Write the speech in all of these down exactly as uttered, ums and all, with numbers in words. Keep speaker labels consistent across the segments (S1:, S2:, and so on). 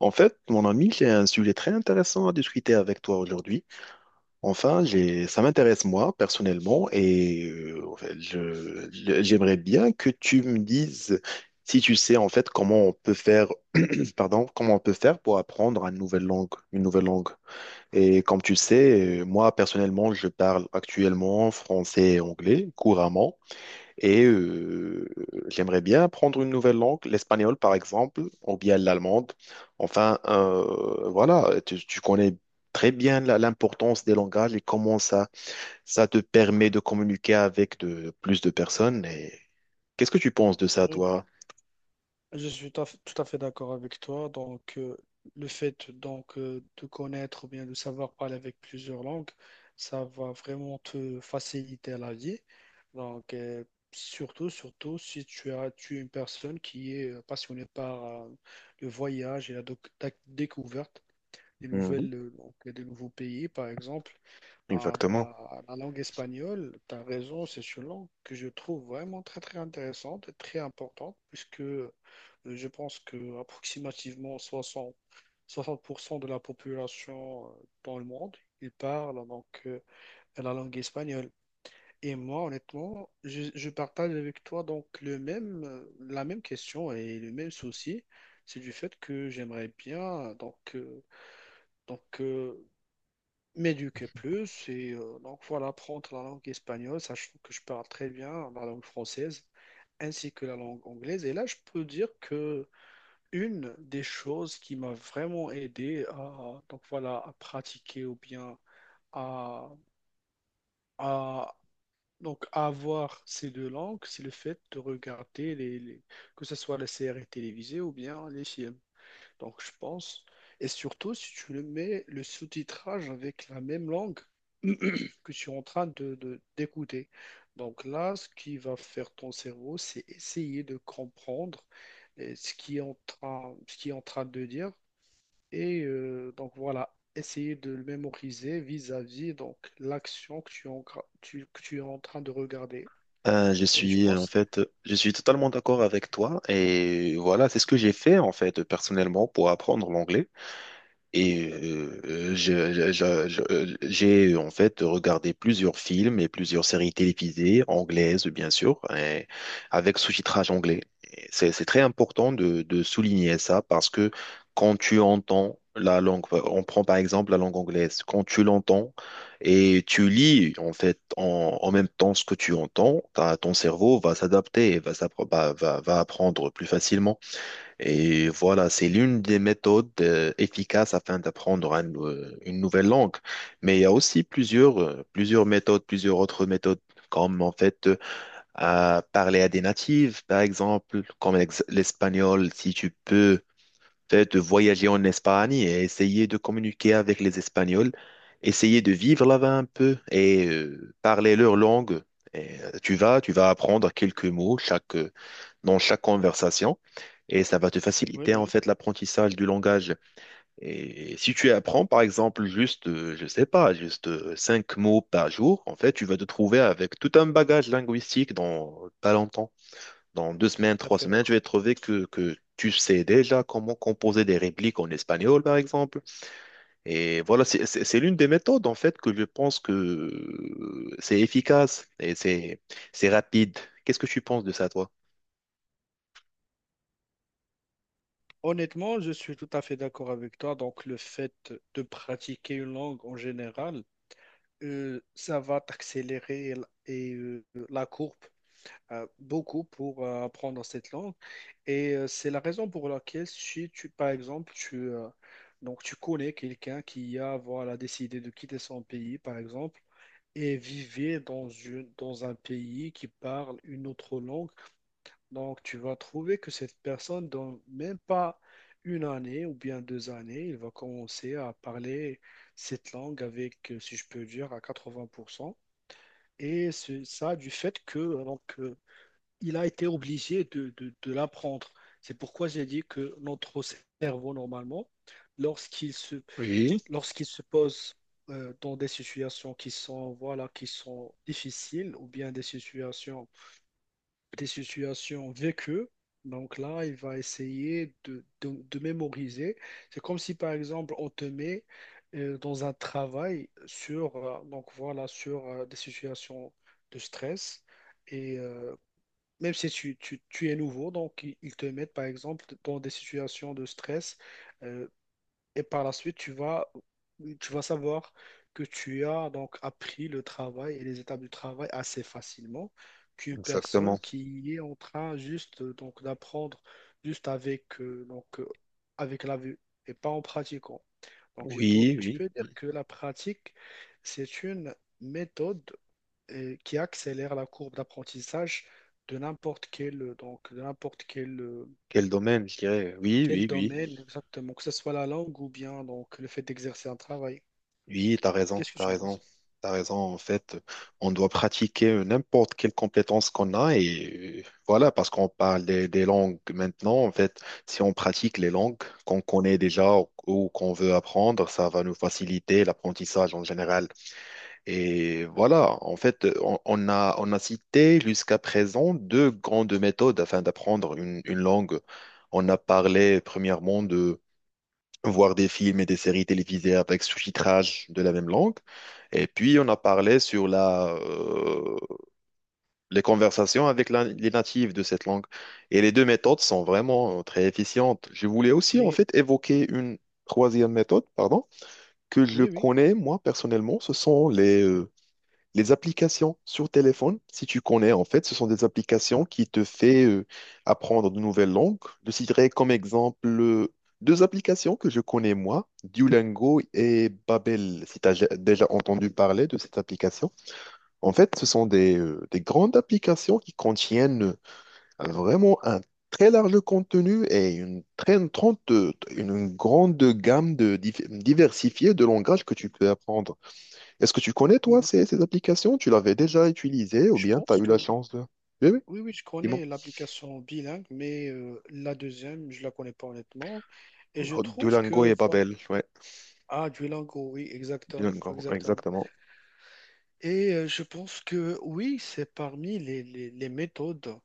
S1: En fait, mon ami, j'ai un sujet très intéressant à discuter avec toi aujourd'hui. Enfin, j'ai, ça m'intéresse moi personnellement et euh, en fait, je- je- j'aimerais bien que tu me dises si tu sais en fait comment on peut faire, pardon, comment on peut faire pour apprendre une nouvelle langue, une nouvelle langue. Et comme tu sais, euh, moi personnellement, je parle actuellement français et anglais couramment. Et euh, j'aimerais bien apprendre une nouvelle langue, l'espagnol par exemple, ou bien l'allemande. Enfin, euh, voilà, tu, tu connais très bien la- l'importance des langages et comment ça, ça te permet de communiquer avec de, plus de personnes. Et qu'est-ce que tu penses de ça,
S2: Oui, oui.
S1: toi?
S2: Je suis tout à fait tout à fait d'accord avec toi. Donc, euh, le fait donc euh, de connaître ou bien de savoir parler avec plusieurs langues, ça va vraiment te faciliter la vie. Donc, euh, surtout, Surtout si tu as, tu es une personne qui est euh, passionnée par euh, le voyage et la, doc- la découverte des
S1: Mhm.
S2: nouvelles, euh, donc, des nouveaux pays, par exemple. Ah,
S1: Exactement.
S2: bah, la langue espagnole, tu as raison, c'est une langue que je trouve vraiment très très intéressante et très importante, puisque euh, je pense que approximativement soixante soixante pour cent de la population euh, dans le monde, ils parlent donc euh, la langue espagnole. Et moi, honnêtement, je, je partage avec toi donc le même, euh, la même question et le même souci, c'est du fait que j'aimerais bien donc euh, donc, euh, m'éduquer plus. Et euh, donc voilà, apprendre la langue espagnole, sachant que je parle très bien la langue française ainsi que la langue anglaise. Et là, je peux dire que une des choses qui m'a vraiment aidé à, donc voilà, à pratiquer ou bien à, à- donc à avoir ces deux langues, c'est le fait de regarder les, les- que ce soit les séries télévisées ou bien les films. Donc, je pense. Et surtout, si tu le mets le sous-titrage avec la même langue que tu es en train de, de- d'écouter. Donc là, ce qui va faire ton cerveau, c'est essayer de comprendre euh, ce qui est en train, ce qui est en train de dire. Et euh, donc voilà, essayer de le mémoriser vis-à-vis donc l'action que tu, es en gra- tu- que tu es en train de regarder.
S1: Euh, je
S2: Et je
S1: suis euh, En
S2: pense,
S1: fait, euh, je suis totalement d'accord avec toi et voilà, c'est ce que j'ai fait en fait personnellement pour apprendre l'anglais. Et euh, je- je- je- je- j'ai en fait regardé plusieurs films et plusieurs séries télévisées, anglaises bien sûr, et avec sous-titrage anglais. Et C'est c'est très important de, de souligner ça parce que quand tu entends la langue, on prend par exemple la langue anglaise, quand tu l'entends et tu lis en fait en, en même temps ce que tu entends, ta- ton cerveau va s'adapter et va, s'appro- va va- va apprendre plus facilement. Et voilà, c'est l'une des méthodes euh, efficaces afin d'apprendre un, euh, une nouvelle langue. Mais il y a aussi plusieurs, euh, plusieurs méthodes, plusieurs autres méthodes, comme en fait euh, à parler à des natifs, par exemple, comme l'ex- l'espagnol, si tu peux fait, de voyager en Espagne et essayer de communiquer avec les Espagnols, essayer de vivre là-bas un peu et euh, parler leur langue. Et, euh, tu vas, tu vas apprendre quelques mots chaque, euh, dans chaque conversation et ça va te
S2: oui,
S1: faciliter
S2: oui,
S1: en fait l'apprentissage du langage. Et si tu apprends par exemple juste, euh, je sais pas, juste euh, cinq mots par jour, en fait, tu vas te trouver avec tout un bagage linguistique dans pas longtemps. Dans deux semaines,
S2: tout à
S1: trois
S2: fait.
S1: semaines, je vais trouver que, que tu sais déjà comment composer des répliques en espagnol, par exemple. Et voilà, c'est c'est- c'est l'une des méthodes, en fait, que je pense que euh, c'est efficace et c'est c'est rapide. Qu'est-ce que tu penses de ça, toi?
S2: Honnêtement, je suis tout à fait d'accord avec toi. Donc, le fait de pratiquer une langue en général, euh, ça va t'accélérer l- et euh, la courbe euh, beaucoup pour euh, apprendre cette langue. Et euh, c'est la raison pour laquelle, si tu, par exemple, tu, euh, donc tu connais quelqu'un qui a voilà, décidé de quitter son pays, par exemple, et vivait dans une, dans un pays qui parle une autre langue, donc, tu vas trouver que cette personne, dans même pas une année ou bien deux années, il va commencer à parler cette langue avec, euh, si je peux dire, à quatre-vingts pour cent. Et c'est ça du fait que donc, euh, il a été obligé de, de- de l'apprendre. C'est pourquoi j'ai dit que notre cerveau, normalement, lorsqu'il se,
S1: Oui,
S2: lorsqu'il se pose euh, dans des situations qui sont, voilà, qui sont difficiles ou bien des situations des situations vécues. Donc là, il va essayer de, de- de mémoriser. C'est comme si, par exemple, on te met euh, dans un travail sur, euh, donc voilà, sur euh, des situations de stress. Et euh, Même si tu, tu- tu es nouveau, donc ils ils te mettent, par exemple, dans des situations de stress euh, et par la suite, tu vas, tu vas savoir que tu as donc appris le travail et les étapes du travail assez facilement qu'une personne
S1: exactement.
S2: qui est en train juste euh, donc d'apprendre juste avec euh, donc euh, avec la vue et pas en pratiquant. Donc je peux,
S1: Oui,
S2: je
S1: oui,
S2: peux dire
S1: oui.
S2: que la pratique, c'est une méthode euh, qui accélère la courbe d'apprentissage de n'importe quel euh, donc de n'importe quel euh,
S1: Quel domaine, je dirais. Oui,
S2: quel
S1: oui, oui.
S2: domaine exactement, que ce soit la langue ou bien donc le fait d'exercer un travail.
S1: Oui, t'as raison,
S2: Qu'est-ce que
S1: t'as
S2: tu
S1: raison,
S2: penses?
S1: t'as raison. En fait, on doit pratiquer n'importe quelle compétence qu'on a et euh, voilà, parce qu'on parle des, des langues maintenant. En fait, si on pratique les langues qu'on connaît déjà ou, ou qu'on veut apprendre, ça va nous faciliter l'apprentissage en général. Et voilà, en fait, on, on a, on a cité jusqu'à présent deux grandes méthodes afin d'apprendre une, une langue. On a parlé premièrement voir des films et des séries télévisées avec sous-titrage de la même langue. Et puis, on a parlé sur la, euh, les conversations avec la- les natifs de cette langue. Et les deux méthodes sont vraiment euh, très efficientes. Je voulais aussi, en
S2: Et
S1: fait, évoquer une troisième méthode, pardon, que je
S2: oui, oui,
S1: connais, moi, personnellement. Ce sont les, euh, les applications sur téléphone, si tu connais, en fait, ce sont des applications qui te fait euh, apprendre de nouvelles langues. Je citerai comme exemple euh, deux applications que je connais moi, Duolingo et Babel, si tu as déjà entendu parler de cette application. En fait, ce sont des, euh, des grandes applications qui contiennent euh, vraiment un très large contenu et une très trente- euh, une grande gamme de dif- diversifiée de langages que tu peux apprendre. Est-ce que tu connais, toi,
S2: oui,
S1: ces, ces applications? Tu l'avais déjà utilisée ou
S2: je
S1: bien tu as
S2: pense
S1: eu la
S2: que
S1: chance de... Oui, oui,
S2: oui, oui, je
S1: dis-moi.
S2: connais l'application bilingue, mais euh, la deuxième, je la connais pas honnêtement. Et je
S1: Oh,
S2: trouve
S1: Duolingo
S2: que
S1: et
S2: voilà,
S1: Babel, ouais.
S2: ah, Duolingo, oui, exactement,
S1: Duolingo,
S2: exactement.
S1: exactement.
S2: Et euh, je pense que oui, c'est parmi les, les- les méthodes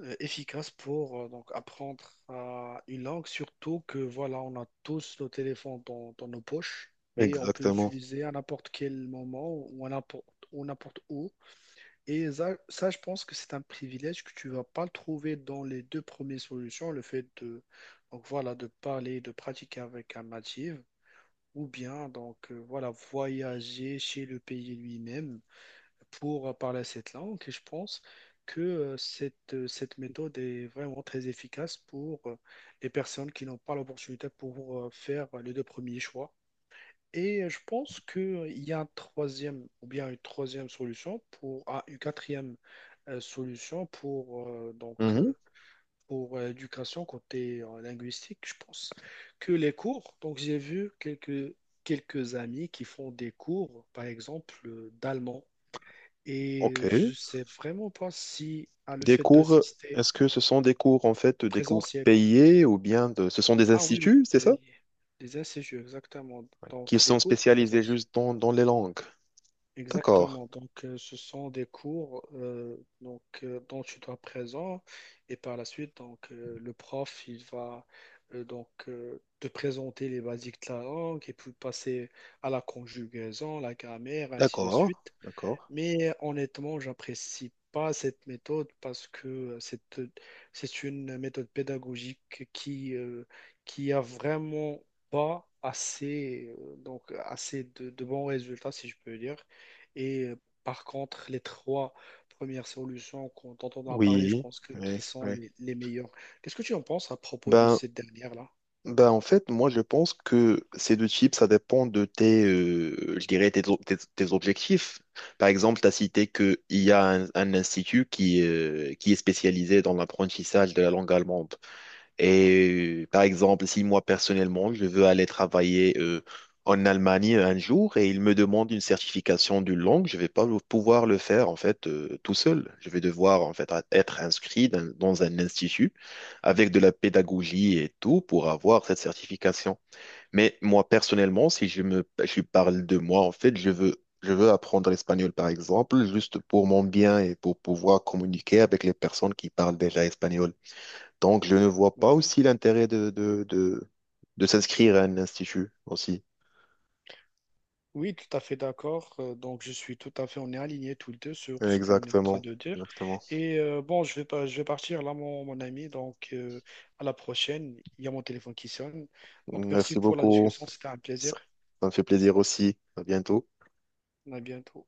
S2: euh, efficaces pour euh, donc apprendre euh, une langue, surtout que voilà, on a tous nos téléphones dans, dans nos poches et on peut
S1: Exactement.
S2: l'utiliser à n'importe quel moment ou à n'importe ou n'importe où. Et ça, ça, je pense que c'est un privilège que tu vas pas le trouver dans les deux premières solutions, le fait de donc voilà de parler, de pratiquer avec un natif, ou bien donc euh, voilà voyager chez le pays lui-même pour parler cette langue et je pense que euh, cette, euh, cette méthode est vraiment très efficace pour euh, les personnes qui n'ont pas l'opportunité pour euh, faire les deux premiers choix. Et euh, je pense qu'il y a un troisième ou bien une troisième solution pour ah, une quatrième euh, solution pour euh, donc
S1: Mhm.
S2: euh, pour euh, l'éducation côté euh, linguistique. Je pense que les cours, donc j'ai vu quelques quelques amis qui font des cours, par exemple euh, d'allemand.
S1: Ok.
S2: Et je sais vraiment pas si à le
S1: Des
S2: fait
S1: cours,
S2: d'assister
S1: est-ce que ce sont des cours, en fait, des cours
S2: présentiel.
S1: payés ou bien de... ce sont des
S2: Ah oui, oui,
S1: instituts, c'est ça?
S2: oui, des A C J U, exactement.
S1: Ouais. Qui
S2: Donc des
S1: sont
S2: cours
S1: spécialisés
S2: présence.
S1: juste dans, dans les langues. D'accord.
S2: Exactement. Donc euh, ce sont des cours euh, donc, euh, dont tu dois être présent et par la suite donc euh, le prof il va euh, donc euh, te présenter les basiques de la langue et puis passer à la conjugaison, la grammaire, ainsi de
S1: D'accord.
S2: suite.
S1: D'accord.
S2: Mais honnêtement, j'apprécie pas cette méthode parce que c'est c'est une méthode pédagogique qui euh, qui a vraiment pas assez euh, donc assez de, de bons résultats si je peux dire. Et euh, Par contre, les trois premières solutions qu'on- dont on a parlé, je
S1: Oui,
S2: pense que
S1: oui,
S2: qui sont
S1: oui.
S2: les, les meilleures. Qu'est-ce que tu en penses à propos de
S1: Ben,
S2: cette dernière-là?
S1: Ben, en fait, moi, je pense que ces deux types, ça dépend de tes, euh, je dirais, tes, tes- tes objectifs. Par exemple, tu as cité qu'il y a un, un institut qui, euh, qui est spécialisé dans l'apprentissage de la langue allemande. Et euh, par exemple, si moi personnellement, je veux aller travailler euh, en Allemagne un jour et il me demande une certification d'une langue, je vais pas le- pouvoir le faire en fait euh, tout seul. Je vais devoir en fait être inscrit dans, dans un institut avec de la pédagogie et tout pour avoir cette certification. Mais moi personnellement, si je me je parle de moi en fait, je veux Je veux apprendre l'espagnol, par exemple, juste pour mon bien et pour pouvoir communiquer avec les personnes qui parlent déjà espagnol. Donc, je ne vois pas
S2: Oui, oui.
S1: aussi l'intérêt de, de, de, de s'inscrire à un institut aussi.
S2: Oui, tout à fait d'accord. Euh, donc, je suis tout à fait, on est alignés tous les deux sur ce qu'on est en train
S1: Exactement,
S2: de dire.
S1: exactement.
S2: Et euh, bon, je vais pas, je vais partir là, mon, mon ami. Donc, euh, à la prochaine. Il y a mon téléphone qui sonne. Donc, merci
S1: Merci
S2: pour la
S1: beaucoup.
S2: discussion. C'était un plaisir.
S1: Ça, ça me fait plaisir aussi. À bientôt.
S2: À bientôt.